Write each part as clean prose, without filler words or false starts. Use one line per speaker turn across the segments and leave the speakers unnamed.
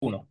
Uno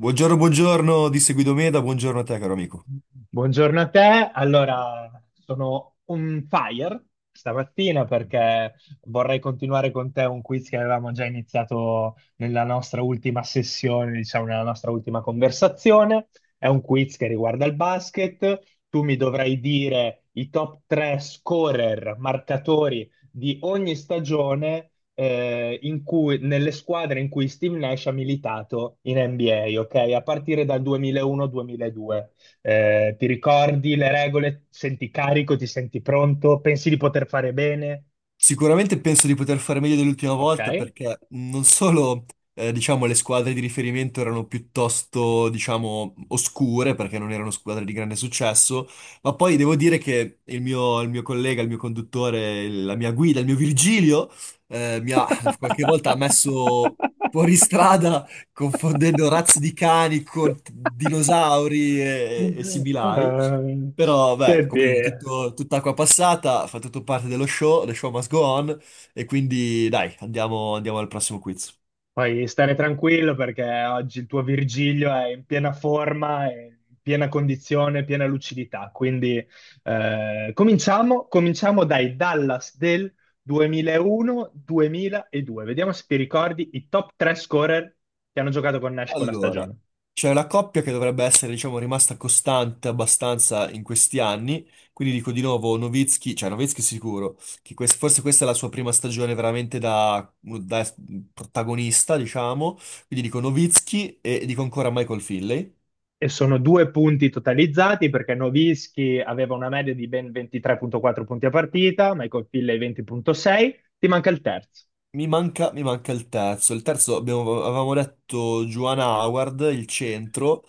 Buongiorno, buongiorno di Seguido Meda, buongiorno a te caro amico.
Buongiorno a te. Allora, sono on fire stamattina perché vorrei continuare con te un quiz che avevamo già iniziato nella nostra ultima sessione, diciamo, nella nostra ultima conversazione. È un quiz che riguarda il basket. Tu mi dovrai dire i top 3 scorer, marcatori di ogni stagione nelle squadre in cui Steve Nash ha militato in NBA, ok? A partire dal 2001-2002. Ti ricordi le regole, senti carico, ti senti pronto, pensi di poter fare bene,
Sicuramente penso di poter fare meglio dell'ultima
ok?
volta perché non solo diciamo, le squadre di riferimento erano piuttosto diciamo, oscure perché non erano squadre di grande successo, ma poi devo dire che il mio collega, il mio conduttore, la mia guida, il mio Virgilio mi ha qualche volta messo fuori strada confondendo razze di cani con dinosauri e similari.
Ehm,
Però, beh,
Senti,
come dire, tutta acqua passata, fa tutto parte dello show, the show must go on, e quindi dai, andiamo al prossimo quiz.
puoi stare tranquillo perché oggi il tuo Virgilio è in piena forma, è in piena condizione, piena lucidità. Quindi cominciamo dai Dallas del 2001-2002. Vediamo se ti ricordi i top 3 scorer che hanno giocato con Nash quella
Allora,
stagione.
c'è una coppia che dovrebbe essere, diciamo, rimasta costante abbastanza in questi anni, quindi dico di nuovo Nowitzki, cioè Nowitzki sicuro, che forse questa è la sua prima stagione veramente da, da protagonista, diciamo, quindi dico Nowitzki e dico ancora Michael Finley.
E sono due punti totalizzati perché Nowitzki aveva una media di ben 23,4 punti a partita, Michael Finley 20,6. Ti manca il terzo.
Mi manca il terzo. Il terzo avevamo detto Joanna Howard, il centro.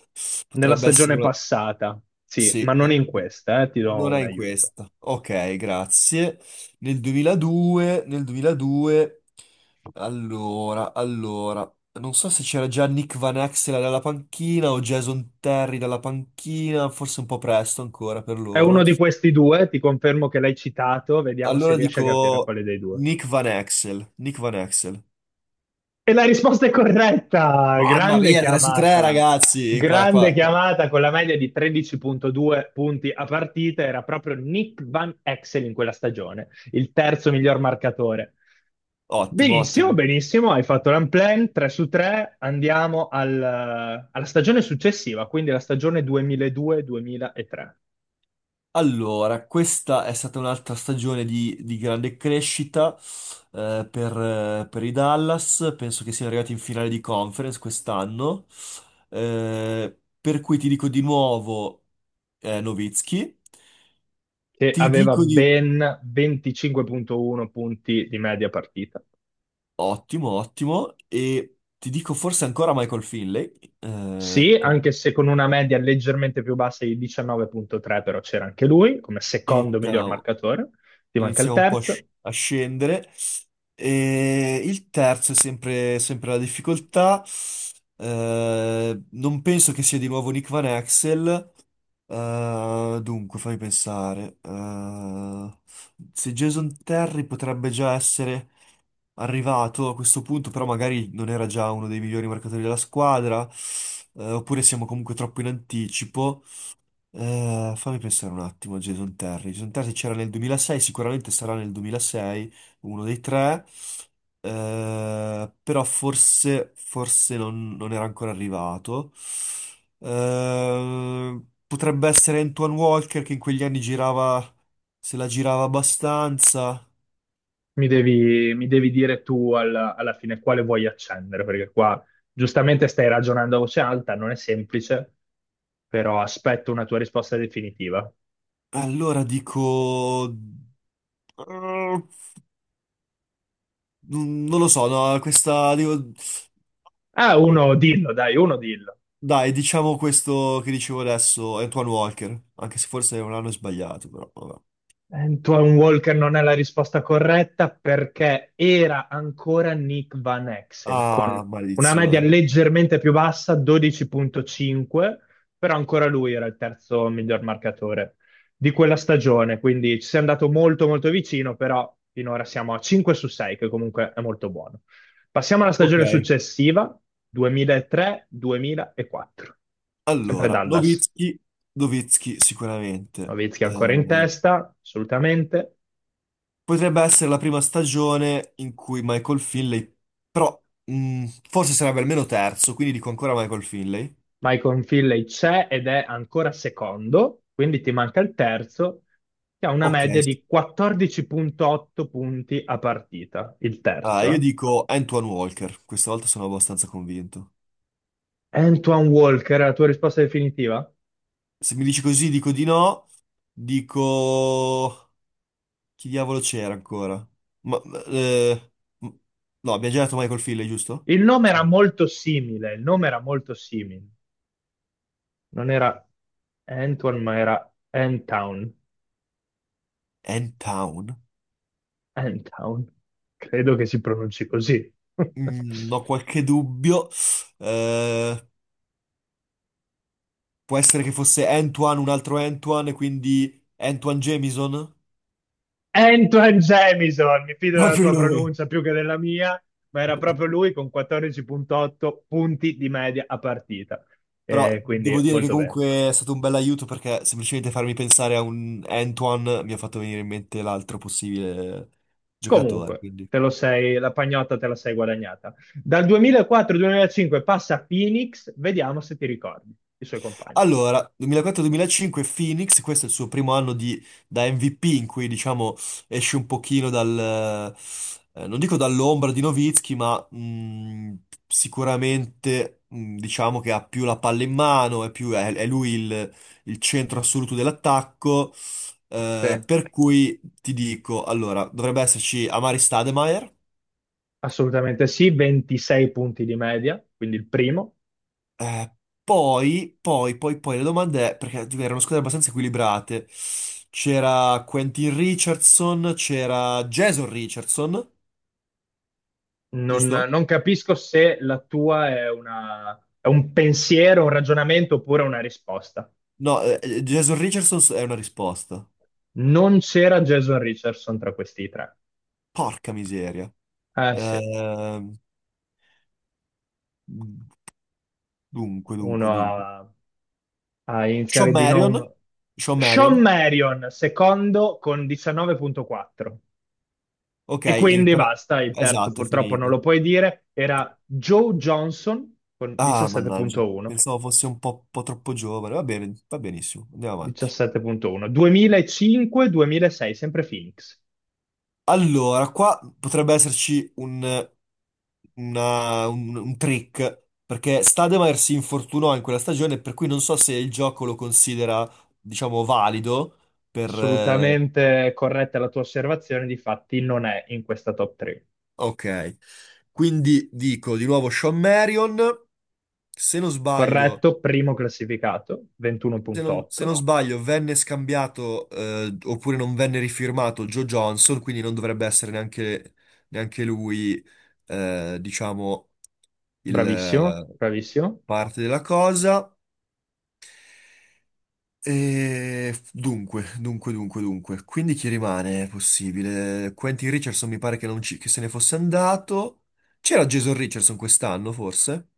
Nella
Potrebbe essere
stagione
una...
passata sì, ma
Sì,
non in questa, ti do
non è
un
in
aiuto.
questa. Ok, grazie. Nel 2002... Allora... Non so se c'era già Nick Van Exel dalla panchina o Jason Terry dalla panchina, forse un po' presto ancora per
È uno
loro.
di questi due, ti confermo che l'hai citato, vediamo se
Allora
riesci a capire
dico
quale dei due.
Nick Van Exel. Nick Van Exel.
E la risposta è corretta!
Mamma
Grande
mia, 3 su 3
chiamata!
ragazzi, qua,
Grande
qua, qua.
chiamata con la media di 13,2 punti a partita, era proprio Nick Van Exel in quella stagione, il terzo miglior marcatore.
Ottimo,
Benissimo,
ottimo.
benissimo, hai fatto l'unplanned 3 su 3, alla stagione successiva, quindi la stagione 2002-2003,
Allora, questa è stata un'altra stagione di grande crescita per i Dallas, penso che siano arrivati in finale di conference quest'anno. Per cui ti dico di nuovo Nowitzki,
che
ti
aveva
dico di...
ben 25,1 punti di media partita.
Ottimo, ottimo, e ti dico forse ancora Michael Finley,
Sì, anche se con una media leggermente più bassa di 19,3, però c'era anche lui come secondo miglior
iniziamo.
marcatore, ti manca il
Inizia un po' a,
terzo.
a scendere. E il terzo è sempre la difficoltà. Non penso che sia di nuovo Nick Van Axel. Dunque, fammi pensare. Se Jason Terry potrebbe già essere arrivato a questo punto, però magari non era già uno dei migliori marcatori della squadra, oppure siamo comunque troppo in anticipo. Fammi pensare un attimo a Jason Terry. Jason Terry c'era nel 2006, sicuramente sarà nel 2006, uno dei tre, però forse non era ancora arrivato. Potrebbe essere Antoine Walker che in quegli anni girava, se la girava abbastanza.
Mi devi dire tu alla fine quale vuoi accendere, perché qua giustamente stai ragionando a voce alta, non è semplice, però aspetto una tua risposta definitiva.
Allora dico... eh, non lo so, no, questa... Dico...
Ah, uno dillo, dai, uno dillo.
Dai, diciamo questo che dicevo adesso, Antoine Walker, anche se forse non l'hanno sbagliato, però vabbè.
Antoine Walker non è la risposta corretta perché era ancora Nick Van Exel
Ah,
con una media
maledizione.
leggermente più bassa, 12,5, però ancora lui era il terzo miglior marcatore di quella stagione, quindi ci sei andato molto molto vicino, però finora siamo a 5 su 6, che comunque è molto buono. Passiamo alla
Ok,
stagione successiva, 2003-2004, sempre
allora,
Dallas.
Nowitzki, Nowitzki sicuramente.
Nowitzki ancora in testa, assolutamente.
Potrebbe essere la prima stagione in cui Michael Finley, però forse sarebbe almeno terzo, quindi dico ancora Michael Finley.
Michael Finley c'è ed è ancora secondo, quindi ti manca il terzo, che ha una
Ok,
media
sì.
di 14,8 punti a partita, il
Ah,
terzo.
io dico Antoine Walker, questa volta sono abbastanza convinto.
Antoine Walker, è la tua risposta definitiva?
Se mi dici così dico di no, dico... Chi diavolo c'era ancora? Ma, eh, m- no, abbiamo già detto Michael Finley, giusto?
Il nome era
Sì.
molto simile, il nome era molto simile. Non era Antoine, ma era Antown.
N-Town?
Antown. Credo che si pronunci così.
Mm, ho qualche dubbio. Eh, Può essere che fosse Antoine, un altro Antoine, e quindi Antoine Jamison?
Antoine Jamison, mi fido della
Proprio
tua
lui.
pronuncia più che della mia, ma era proprio lui con 14,8 punti di media a partita.
Però devo
Quindi
dire che
molto bene.
comunque è stato un bel aiuto perché semplicemente farmi pensare a un Antoine mi ha fatto venire in mente l'altro possibile giocatore.
Comunque,
Quindi
te lo sei, la pagnotta te la sei guadagnata. Dal 2004-2005 passa a Phoenix, vediamo se ti ricordi i suoi compagni.
allora, 2004-2005 Phoenix, questo è il suo primo da MVP in cui diciamo esce un pochino dal, non dico dall'ombra di Nowitzki, ma sicuramente diciamo che ha più la palla in mano, è lui il centro assoluto dell'attacco,
Sì.
per cui ti dico, allora, dovrebbe esserci Amari Stoudemire.
Assolutamente sì, 26 punti di media, quindi il primo.
Eh, poi le domande, perché dico, erano squadre abbastanza equilibrate. C'era Quentin Richardson, c'era Jason Richardson,
Non,
giusto?
non capisco se la tua è è un pensiero, un ragionamento oppure una risposta.
No, Jason Richardson è una risposta.
Non c'era Jason Richardson tra questi tre.
Porca miseria.
Eh sì,
Ehm, dunque, dunque,
uno
dunque.
a
Sean
iniziale di
Marion?
nome.
Sean
Sean
Marion?
Marion, secondo con 19,4.
Ok,
E
in
quindi
ritira-
basta, il terzo
Esatto, è
purtroppo non
finita.
lo puoi dire. Era Joe Johnson con
Ah, mannaggia.
17,1.
Pensavo fosse un po' troppo giovane. Va bene, va benissimo. Andiamo avanti.
17,1. 2005-2006, sempre Phoenix.
Allora, qua potrebbe un trick, perché Stademeyer si infortunò in quella stagione, per cui non so se il gioco lo considera, diciamo, valido per...
Assolutamente corretta la tua osservazione, difatti non è in questa top 3.
ok, quindi dico di nuovo Sean Marion, se non sbaglio.
Corretto, primo classificato,
Se non
21,8.
sbaglio, venne scambiato, oppure non venne rifirmato Joe Johnson, quindi non dovrebbe essere neanche lui, diciamo, il,
Bravissimo,
eh,
bravissimo.
parte della cosa. E dunque. Quindi chi rimane? È possibile. Quentin Richardson mi pare che, non ci- che se ne fosse andato. C'era Jason Richardson quest'anno, forse?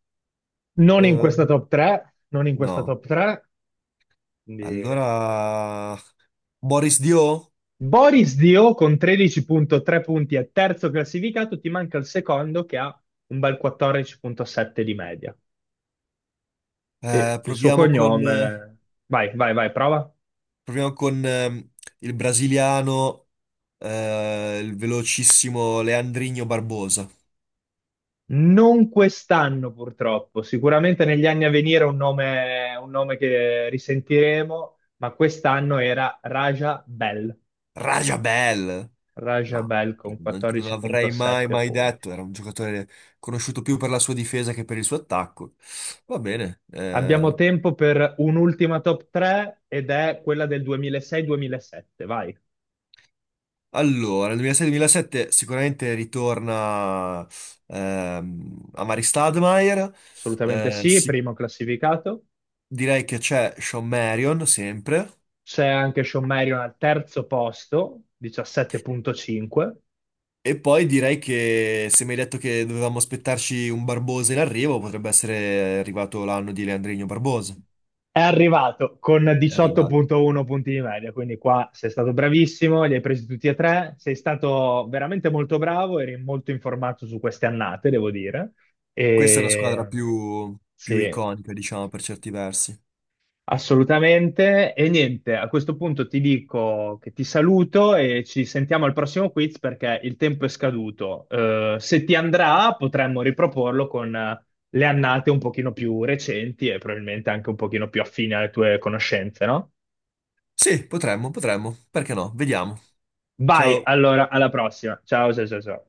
Non in
Eh,
questa top 3, non in questa
no.
top 3. Quindi.
Allora... Boris Dio?
Boris Dio con 13,3 punti è terzo classificato, ti manca il secondo che ha un bel 14,7 di media.
Eh,
E il suo
proviamo con, eh,
cognome. Vai, vai, vai, prova.
proviamo con, il brasiliano, il velocissimo Leandrinho Barbosa.
Non quest'anno purtroppo, sicuramente negli anni a venire è un nome che risentiremo, ma quest'anno era Raja Bell.
Rajabel!
Raja
Ma
Bell con
non, non avrei
14,7
mai
punti.
detto. Era un giocatore conosciuto più per la sua difesa che per il suo attacco. Va bene.
Abbiamo tempo per un'ultima top 3 ed è quella del 2006-2007. Vai.
Allora, nel 2006-2007 sicuramente ritorna Amari Stoudemire.
Assolutamente
eh,
sì,
si-
primo classificato.
Direi che c'è Sean Marion sempre.
C'è anche Sean Marion al terzo posto, 17,5.
E poi direi che se mi hai detto che dovevamo aspettarci un Barbosa in arrivo, potrebbe essere arrivato l'anno di Leandrino Barbosa.
È arrivato con
È arrivato.
18,1 punti di media, quindi qua sei stato bravissimo, li hai presi tutti e tre. Sei stato veramente molto bravo, eri molto informato su queste annate, devo dire.
Questa è una squadra
E.
più
Sì.
iconica, diciamo, per certi versi.
Assolutamente. E niente, a questo punto ti dico che ti saluto e ci sentiamo al prossimo quiz perché il tempo è scaduto. Se ti andrà, potremmo riproporlo con le annate un pochino più recenti e probabilmente anche un pochino più affine alle tue conoscenze, no?
Sì, potremmo, perché no? Vediamo.
Vai,
Ciao.
allora, alla prossima. Ciao, ciao, ciao. Ciao.